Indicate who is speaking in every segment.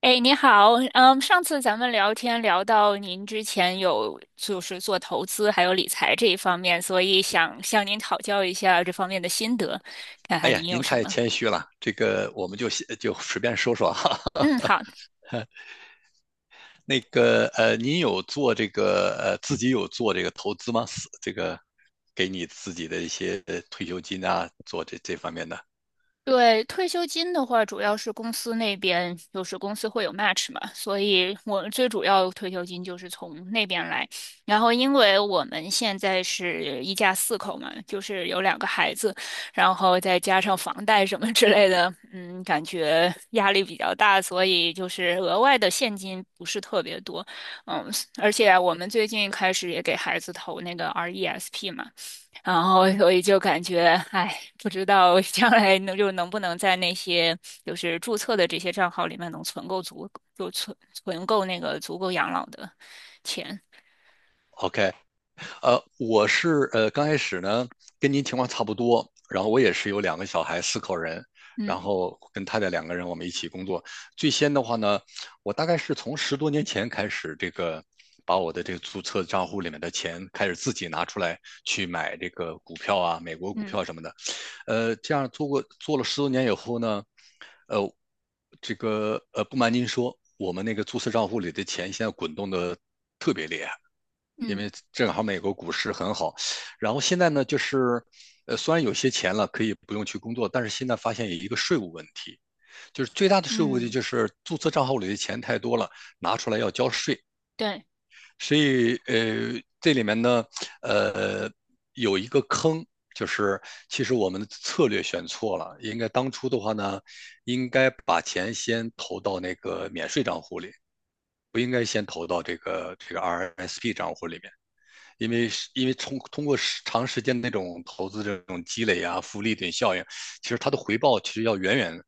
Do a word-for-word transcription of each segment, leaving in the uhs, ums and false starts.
Speaker 1: 哎，你好，嗯，上次咱们聊天聊到您之前有就是做投资还有理财这一方面，所以想向您讨教一下这方面的心得，看
Speaker 2: 哎
Speaker 1: 看您
Speaker 2: 呀，
Speaker 1: 有
Speaker 2: 您
Speaker 1: 什
Speaker 2: 太
Speaker 1: 么。
Speaker 2: 谦虚了，这个我们就先就随便说说哈。
Speaker 1: 嗯，好，
Speaker 2: 那个呃，您有做这个呃自己有做这个投资吗？是这个给你自己的一些呃退休金啊，做这这方面的。
Speaker 1: 对，退休金的话，主要是公司那边，就是公司会有 match 嘛，所以我最主要退休金就是从那边来。然后，因为我们现在是一家四口嘛，就是有两个孩子，然后再加上房贷什么之类的，嗯，感觉压力比较大，所以就是额外的现金不是特别多。嗯，而且我们最近开始也给孩子投那个 R E S P 嘛。然后所以就感觉，哎，不知道将来能就能不能在那些就是注册的这些账号里面能存够足，就存存够那个足够养老的钱。
Speaker 2: OK，呃，我是呃刚开始呢，跟您情况差不多，然后我也是有两个小孩，四口人，
Speaker 1: 嗯
Speaker 2: 然后跟太太两个人我们一起工作。最先的话呢，我大概是从十多年前开始，这个把我的这个注册账户里面的钱开始自己拿出来去买这个股票啊，美国股
Speaker 1: 嗯
Speaker 2: 票什么的。呃，这样做过做了十多年以后呢，呃，这个呃，不瞒您说，我们那个注册账户里的钱现在滚动的特别厉害，因
Speaker 1: 嗯
Speaker 2: 为正好美国股市很好。然后现在呢，就是呃，虽然有些钱了可以不用去工作，但是现在发现有一个税务问题，就是最大的税务问题
Speaker 1: 嗯，
Speaker 2: 就是注册账户里的钱太多了，拿出来要交税。
Speaker 1: 对，
Speaker 2: 所以呃，这里面呢，呃，有一个坑，就是其实我们的策略选错了，应该当初的话呢，应该把钱先投到那个免税账户里，不应该先投到这个这个 R S P 账户里面。因为是因为通通过长时间那种投资这种积累啊、复利等效应，其实它的回报其实要远远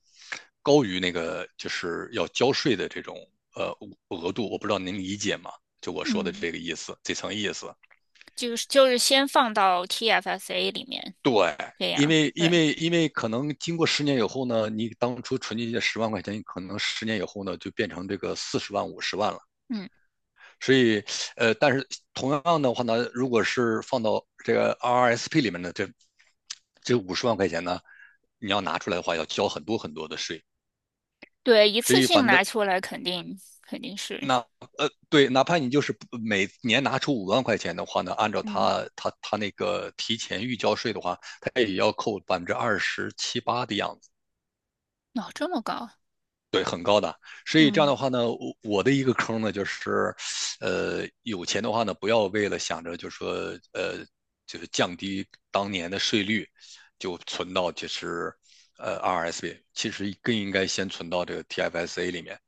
Speaker 2: 高于那个就是要交税的这种呃额度。我不知道您理解吗？就我说的
Speaker 1: 嗯，
Speaker 2: 这个意思，这层意思。
Speaker 1: 就是就是先放到 T F S A 里面，
Speaker 2: 对，
Speaker 1: 这
Speaker 2: 因
Speaker 1: 样
Speaker 2: 为因
Speaker 1: 对。
Speaker 2: 为因为可能经过十年以后呢，你当初存进去十万块钱，可能十年以后呢就变成这个四十万、五十万了。
Speaker 1: 嗯
Speaker 2: 所以，呃，但是同样的话呢，如果是放到这个 R R S P 里面的这这五十万块钱呢，你要拿出来的话，要交很多很多的税。
Speaker 1: 对，一
Speaker 2: 所
Speaker 1: 次
Speaker 2: 以，
Speaker 1: 性
Speaker 2: 反正
Speaker 1: 拿出来肯定肯定是。
Speaker 2: 那呃，对，哪怕你就是每年拿出五万块钱的话呢，按照
Speaker 1: 嗯，
Speaker 2: 他他他那个提前预交税的话，他也要扣百分之二十七八的样子。
Speaker 1: 哦，这么高啊。
Speaker 2: 所以这样
Speaker 1: 嗯
Speaker 2: 的话呢，我我的一个坑呢，就是，呃，有钱的话呢，不要为了想着就说，呃，就是降低当年的税率，就存到就是，呃，R S P，其实更应该先存到这个 T F S A 里面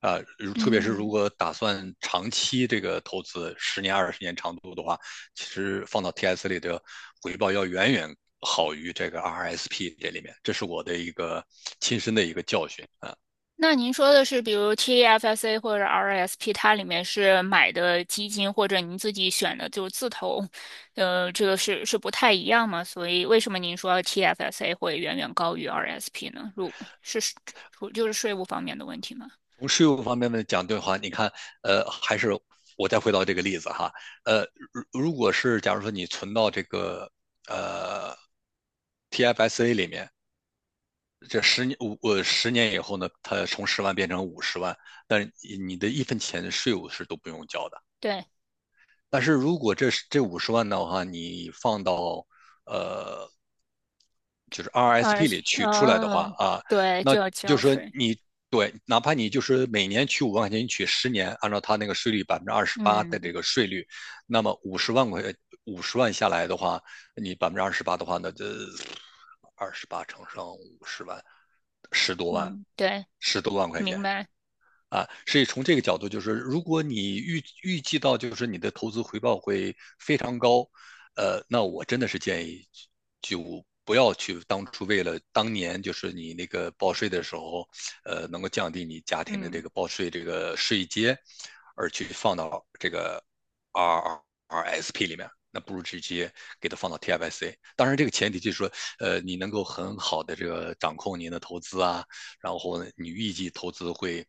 Speaker 2: 啊，如特别是如
Speaker 1: 嗯。
Speaker 2: 果打算长期这个投资，十年、二十年长度的话，其实放到 T S a 里的回报要远远好于这个 R S P 这里面，这是我的一个亲身的一个教训啊。
Speaker 1: 那您说的是，比如 T F S A 或者 R S P，它里面是买的基金，或者您自己选的就是自投，呃，这个是是不太一样嘛？所以为什么您说 T F S A 会远远高于 R S P 呢？如是是就是税务方面的问题吗？
Speaker 2: 从税务方面的讲的话，你看，呃，还是我再回到这个例子哈，呃，如如果是假如说你存到这个呃 T F S A 里面，这十年五呃十年以后呢，它从十万变成五十万，但是你的一分钱的税务是都不用交的。
Speaker 1: 对
Speaker 2: 但是如果这这五十万的话，你放到呃就是 R S P 里
Speaker 1: ，R S P，
Speaker 2: 取出来的话
Speaker 1: 嗯，
Speaker 2: 啊，
Speaker 1: 对，
Speaker 2: 那
Speaker 1: 就要
Speaker 2: 就
Speaker 1: 交
Speaker 2: 是说
Speaker 1: 税。
Speaker 2: 你，对，哪怕你就是每年取五万块钱，你取十年，按照它那个税率百分之二十八的
Speaker 1: 嗯
Speaker 2: 这个税率，那么五十万块五十万下来的话，你百分之二十八的话呢，那这二十八乘上五十万，十多万，
Speaker 1: 嗯，对，
Speaker 2: 十多万块
Speaker 1: 明
Speaker 2: 钱。
Speaker 1: 白。
Speaker 2: 啊，所以从这个角度，就是如果你预预计到就是你的投资回报会非常高，呃，那我真的是建议就不要去当初为了当年就是你那个报税的时候，呃，能够降低你家庭的这
Speaker 1: 嗯，
Speaker 2: 个报税这个税阶，而去放到这。R R S P 里面，那不如直接给它放到 T F S A。当然，这个前提就是说，呃，你能够很好的这个掌控您的投资啊，然后你预计投资会，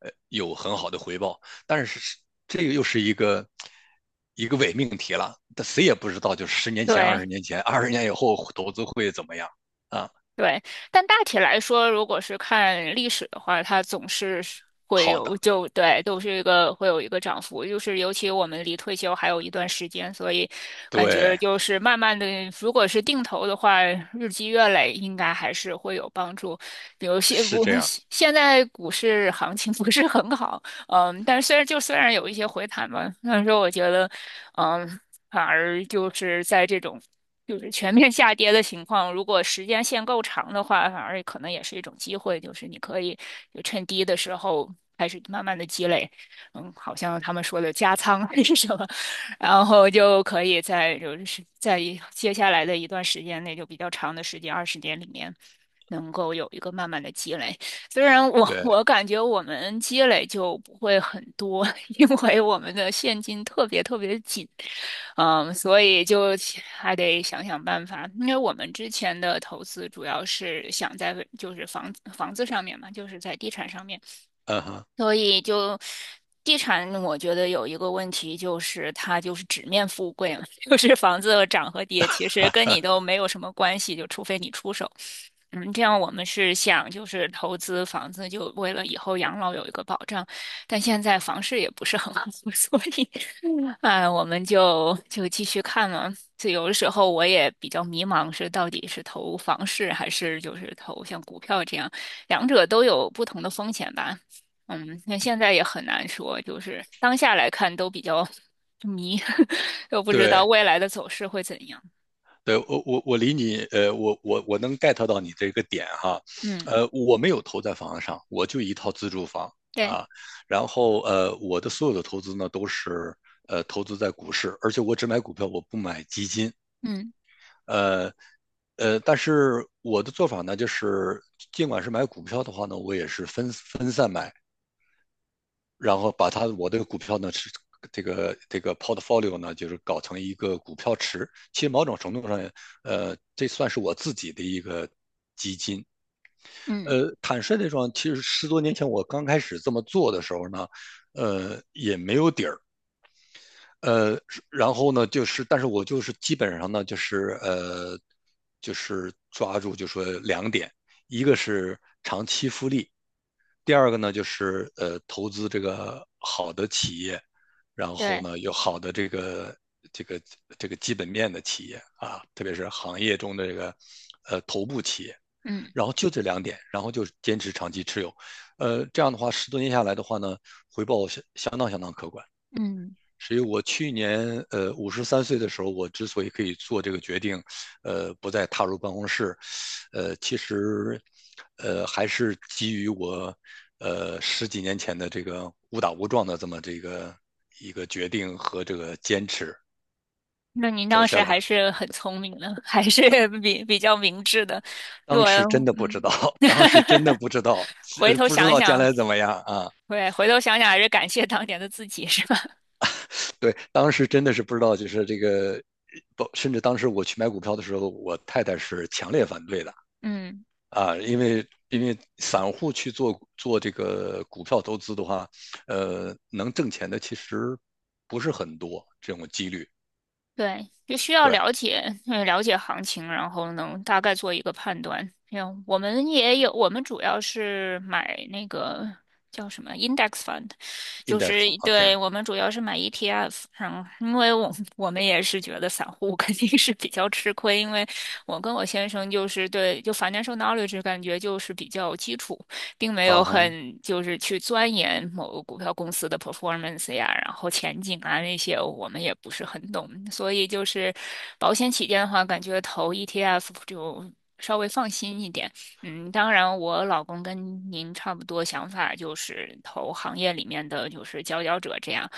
Speaker 2: 呃，有很好的回报。但是这个又是一个一个伪命题了，但谁也不知道，就是十年前、二
Speaker 1: 对。
Speaker 2: 十年前、二十年以后投资会怎么样啊？
Speaker 1: 对，但大体来说，如果是看历史的话，它总是是会
Speaker 2: 好的，
Speaker 1: 有就对，都是一个会有一个涨幅，就是尤其我们离退休还有一段时间，所以感觉
Speaker 2: 对，
Speaker 1: 就是慢慢的，如果是定投的话，日积月累应该还是会有帮助。比如现
Speaker 2: 是
Speaker 1: 不
Speaker 2: 这样，
Speaker 1: 现现在股市行情 不是很好。嗯，但是虽然就虽然有一些回弹吧，但是我觉得，嗯，反而就是在这种。就是全面下跌的情况，如果时间线够长的话，反而可能也是一种机会，就是你可以就趁低的时候开始慢慢的积累。嗯，好像他们说的加仓还是什么，然后就可以在就是在一接下来的一段时间内，就比较长的时间，二十年里面，能够有一个慢慢的积累。虽然我
Speaker 2: 对，
Speaker 1: 我感觉我们积累就不会很多，因为我们的现金特别特别地紧。嗯，所以就还得想想办法。因为我们之前的投资主要是想在就是房房子上面嘛，就是在地产上面。
Speaker 2: 嗯哼，
Speaker 1: 所以就地产，我觉得有一个问题就是它就是纸面富贵嘛，就是房子涨和跌其实跟你都没有什么关系，就除非你出手。嗯，这样我们是想就是投资房子，就为了以后养老有一个保障，但现在房市也不是很好，所以哎，我们就就继续看嘛。就有的时候我也比较迷茫，是到底是投房市还是就是投像股票这样，两者都有不同的风险吧。嗯，那现在也很难说，就是当下来看都比较迷，都不知道
Speaker 2: 对。
Speaker 1: 未来的走势会怎样。
Speaker 2: 对我我我理你，呃，我我我能 get 到你这个点哈，
Speaker 1: 嗯，
Speaker 2: 呃，我没有投在房子上，我就一套自住房
Speaker 1: 对，
Speaker 2: 啊，然后呃，我的所有的投资呢都是呃投资在股市，而且我只买股票，我不买基金，
Speaker 1: 嗯
Speaker 2: 呃呃，但是我的做法呢就是，尽管是买股票的话呢，我也是分分散买，然后把它我的股票呢是这个这个 portfolio 呢，就是搞成一个股票池。其实某种程度上，呃，这算是我自己的一个基金。
Speaker 1: 嗯，
Speaker 2: 呃，坦率地说，其实十多年前我刚开始这么做的时候呢，呃，也没有底儿。呃，然后呢，就是但是我就是基本上呢，就是呃，就是抓住就说两点，一个是长期复利，第二个呢，就是呃，投资这个好的企业，然后
Speaker 1: 对，
Speaker 2: 呢，有好的这个这个这个基本面的企业啊，特别是行业中的这个呃头部企业。
Speaker 1: 嗯
Speaker 2: 然后就这两点，然后就坚持长期持有，呃，这样的话，十多年下来的话呢，回报相相当相当可观。
Speaker 1: 嗯。
Speaker 2: 所以我去年呃五十三岁的时候，我之所以可以做这个决定，呃，不再踏入办公室，呃，其实呃还是基于我呃十几年前的这个误打误撞的这么这个一个决定和这个坚持。
Speaker 1: 那您
Speaker 2: 走
Speaker 1: 当
Speaker 2: 下
Speaker 1: 时
Speaker 2: 来，
Speaker 1: 还是很聪明的，还是比比较明智的。如
Speaker 2: 当
Speaker 1: 果
Speaker 2: 时真的不知
Speaker 1: 嗯。
Speaker 2: 道，当时真的 不知道，
Speaker 1: 回
Speaker 2: 呃，
Speaker 1: 头
Speaker 2: 不知
Speaker 1: 想
Speaker 2: 道将
Speaker 1: 想，
Speaker 2: 来怎么样啊？
Speaker 1: 对，回头想想还是感谢当年的自己，是吧？
Speaker 2: 对，当时真的是不知道，就是这个，不，甚至当时我去买股票的时候，我太太是强烈反对的，
Speaker 1: 嗯，
Speaker 2: 啊，因为因为散户去做做这个股票投资的话，呃，能挣钱的其实不是很多，这种几率。
Speaker 1: 对，就需要
Speaker 2: 对
Speaker 1: 了解，呃了解行情，然后能大概做一个判断。像我们也有，我们主要是买那个叫什么 index fund，就是
Speaker 2: ，index，OK，
Speaker 1: 对，
Speaker 2: okay，
Speaker 1: 我们主要是买 E T F。然后，因为我我们也是觉得散户肯定是比较吃亏，因为我跟我先生就是对，就 financial knowledge 感觉就是比较基础。并没
Speaker 2: 啊
Speaker 1: 有
Speaker 2: 哈，
Speaker 1: 很就是去钻研某个股票公司的 performance 呀，然后前景啊那些，我们也不是很懂。所以就是保险起见的话，感觉投 E T F 就稍微放心一点。嗯，当然，我老公跟您差不多想法，就是投行业里面的就是佼佼者这样。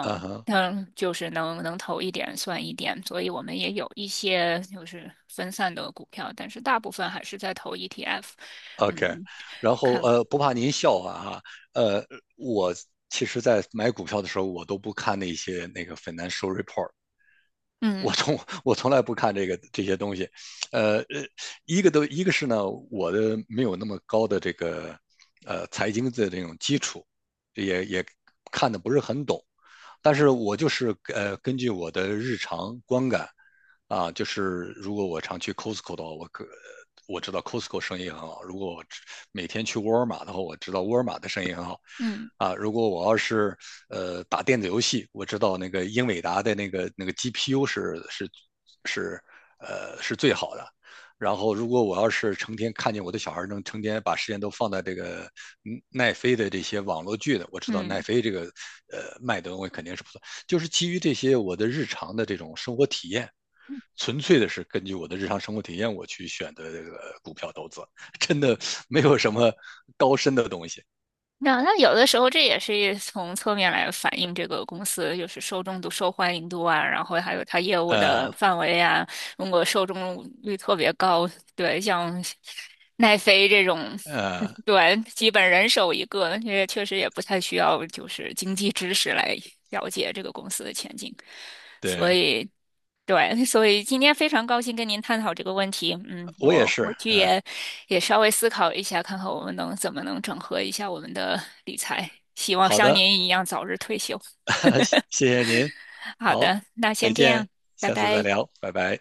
Speaker 2: 啊哈
Speaker 1: 嗯，就是能能投一点算一点，所以我们也有一些就是分散的股票，但是大部分还是在投 E T F。
Speaker 2: ，OK。
Speaker 1: 嗯，
Speaker 2: 然后
Speaker 1: 看看。
Speaker 2: 呃，不怕您笑话哈，呃，我其实在买股票的时候，我都不看那些那个 financial report，我
Speaker 1: 嗯
Speaker 2: 从我从来不看这个这些东西，呃呃，一个都一个是呢，我的没有那么高的这个呃财经的这种基础，也也看的不是很懂。但是我就是呃根据我的日常观感啊，就是如果我常去 Costco 的话，我可我知道 Costco 生意很好；如果我每天去沃尔玛的话，我知道沃尔玛的生意很好。
Speaker 1: 嗯
Speaker 2: 啊，如果我要是呃打电子游戏，我知道那个英伟达的那个那个 G P U 是是是呃是最好的。然后，如果我要是成天看见我的小孩能成天把时间都放在这个嗯奈飞的这些网络剧的，我知道奈
Speaker 1: 嗯，
Speaker 2: 飞这个呃卖的东西肯定是不错，就是基于这些我的日常的这种生活体验，纯粹的是根据我的日常生活体验我去选的这个股票投资，真的 没有什么高深的东西。
Speaker 1: 那那有的时候这也是一从侧面来反映这个公司就是受众度、受欢迎度啊，然后还有它业务的
Speaker 2: 呃
Speaker 1: 范围啊。如果受众率特别高，对，像奈飞这种，
Speaker 2: 呃，
Speaker 1: 对，基本人手一个，也确实也不太需要就是经济知识来了解这个公司的前景。所
Speaker 2: 对
Speaker 1: 以，对，所以今天非常高兴跟您探讨这个问题。嗯，
Speaker 2: 我也
Speaker 1: 我
Speaker 2: 是，
Speaker 1: 回去
Speaker 2: 嗯、呃
Speaker 1: 也也稍微思考一下，看看我们能怎么能整合一下我们的理财。希望
Speaker 2: 好
Speaker 1: 像
Speaker 2: 的，
Speaker 1: 您一样早日退休。
Speaker 2: 谢谢您，
Speaker 1: 好
Speaker 2: 好，
Speaker 1: 的，那
Speaker 2: 再
Speaker 1: 先这
Speaker 2: 见，
Speaker 1: 样，拜
Speaker 2: 下次再
Speaker 1: 拜。
Speaker 2: 聊，拜拜。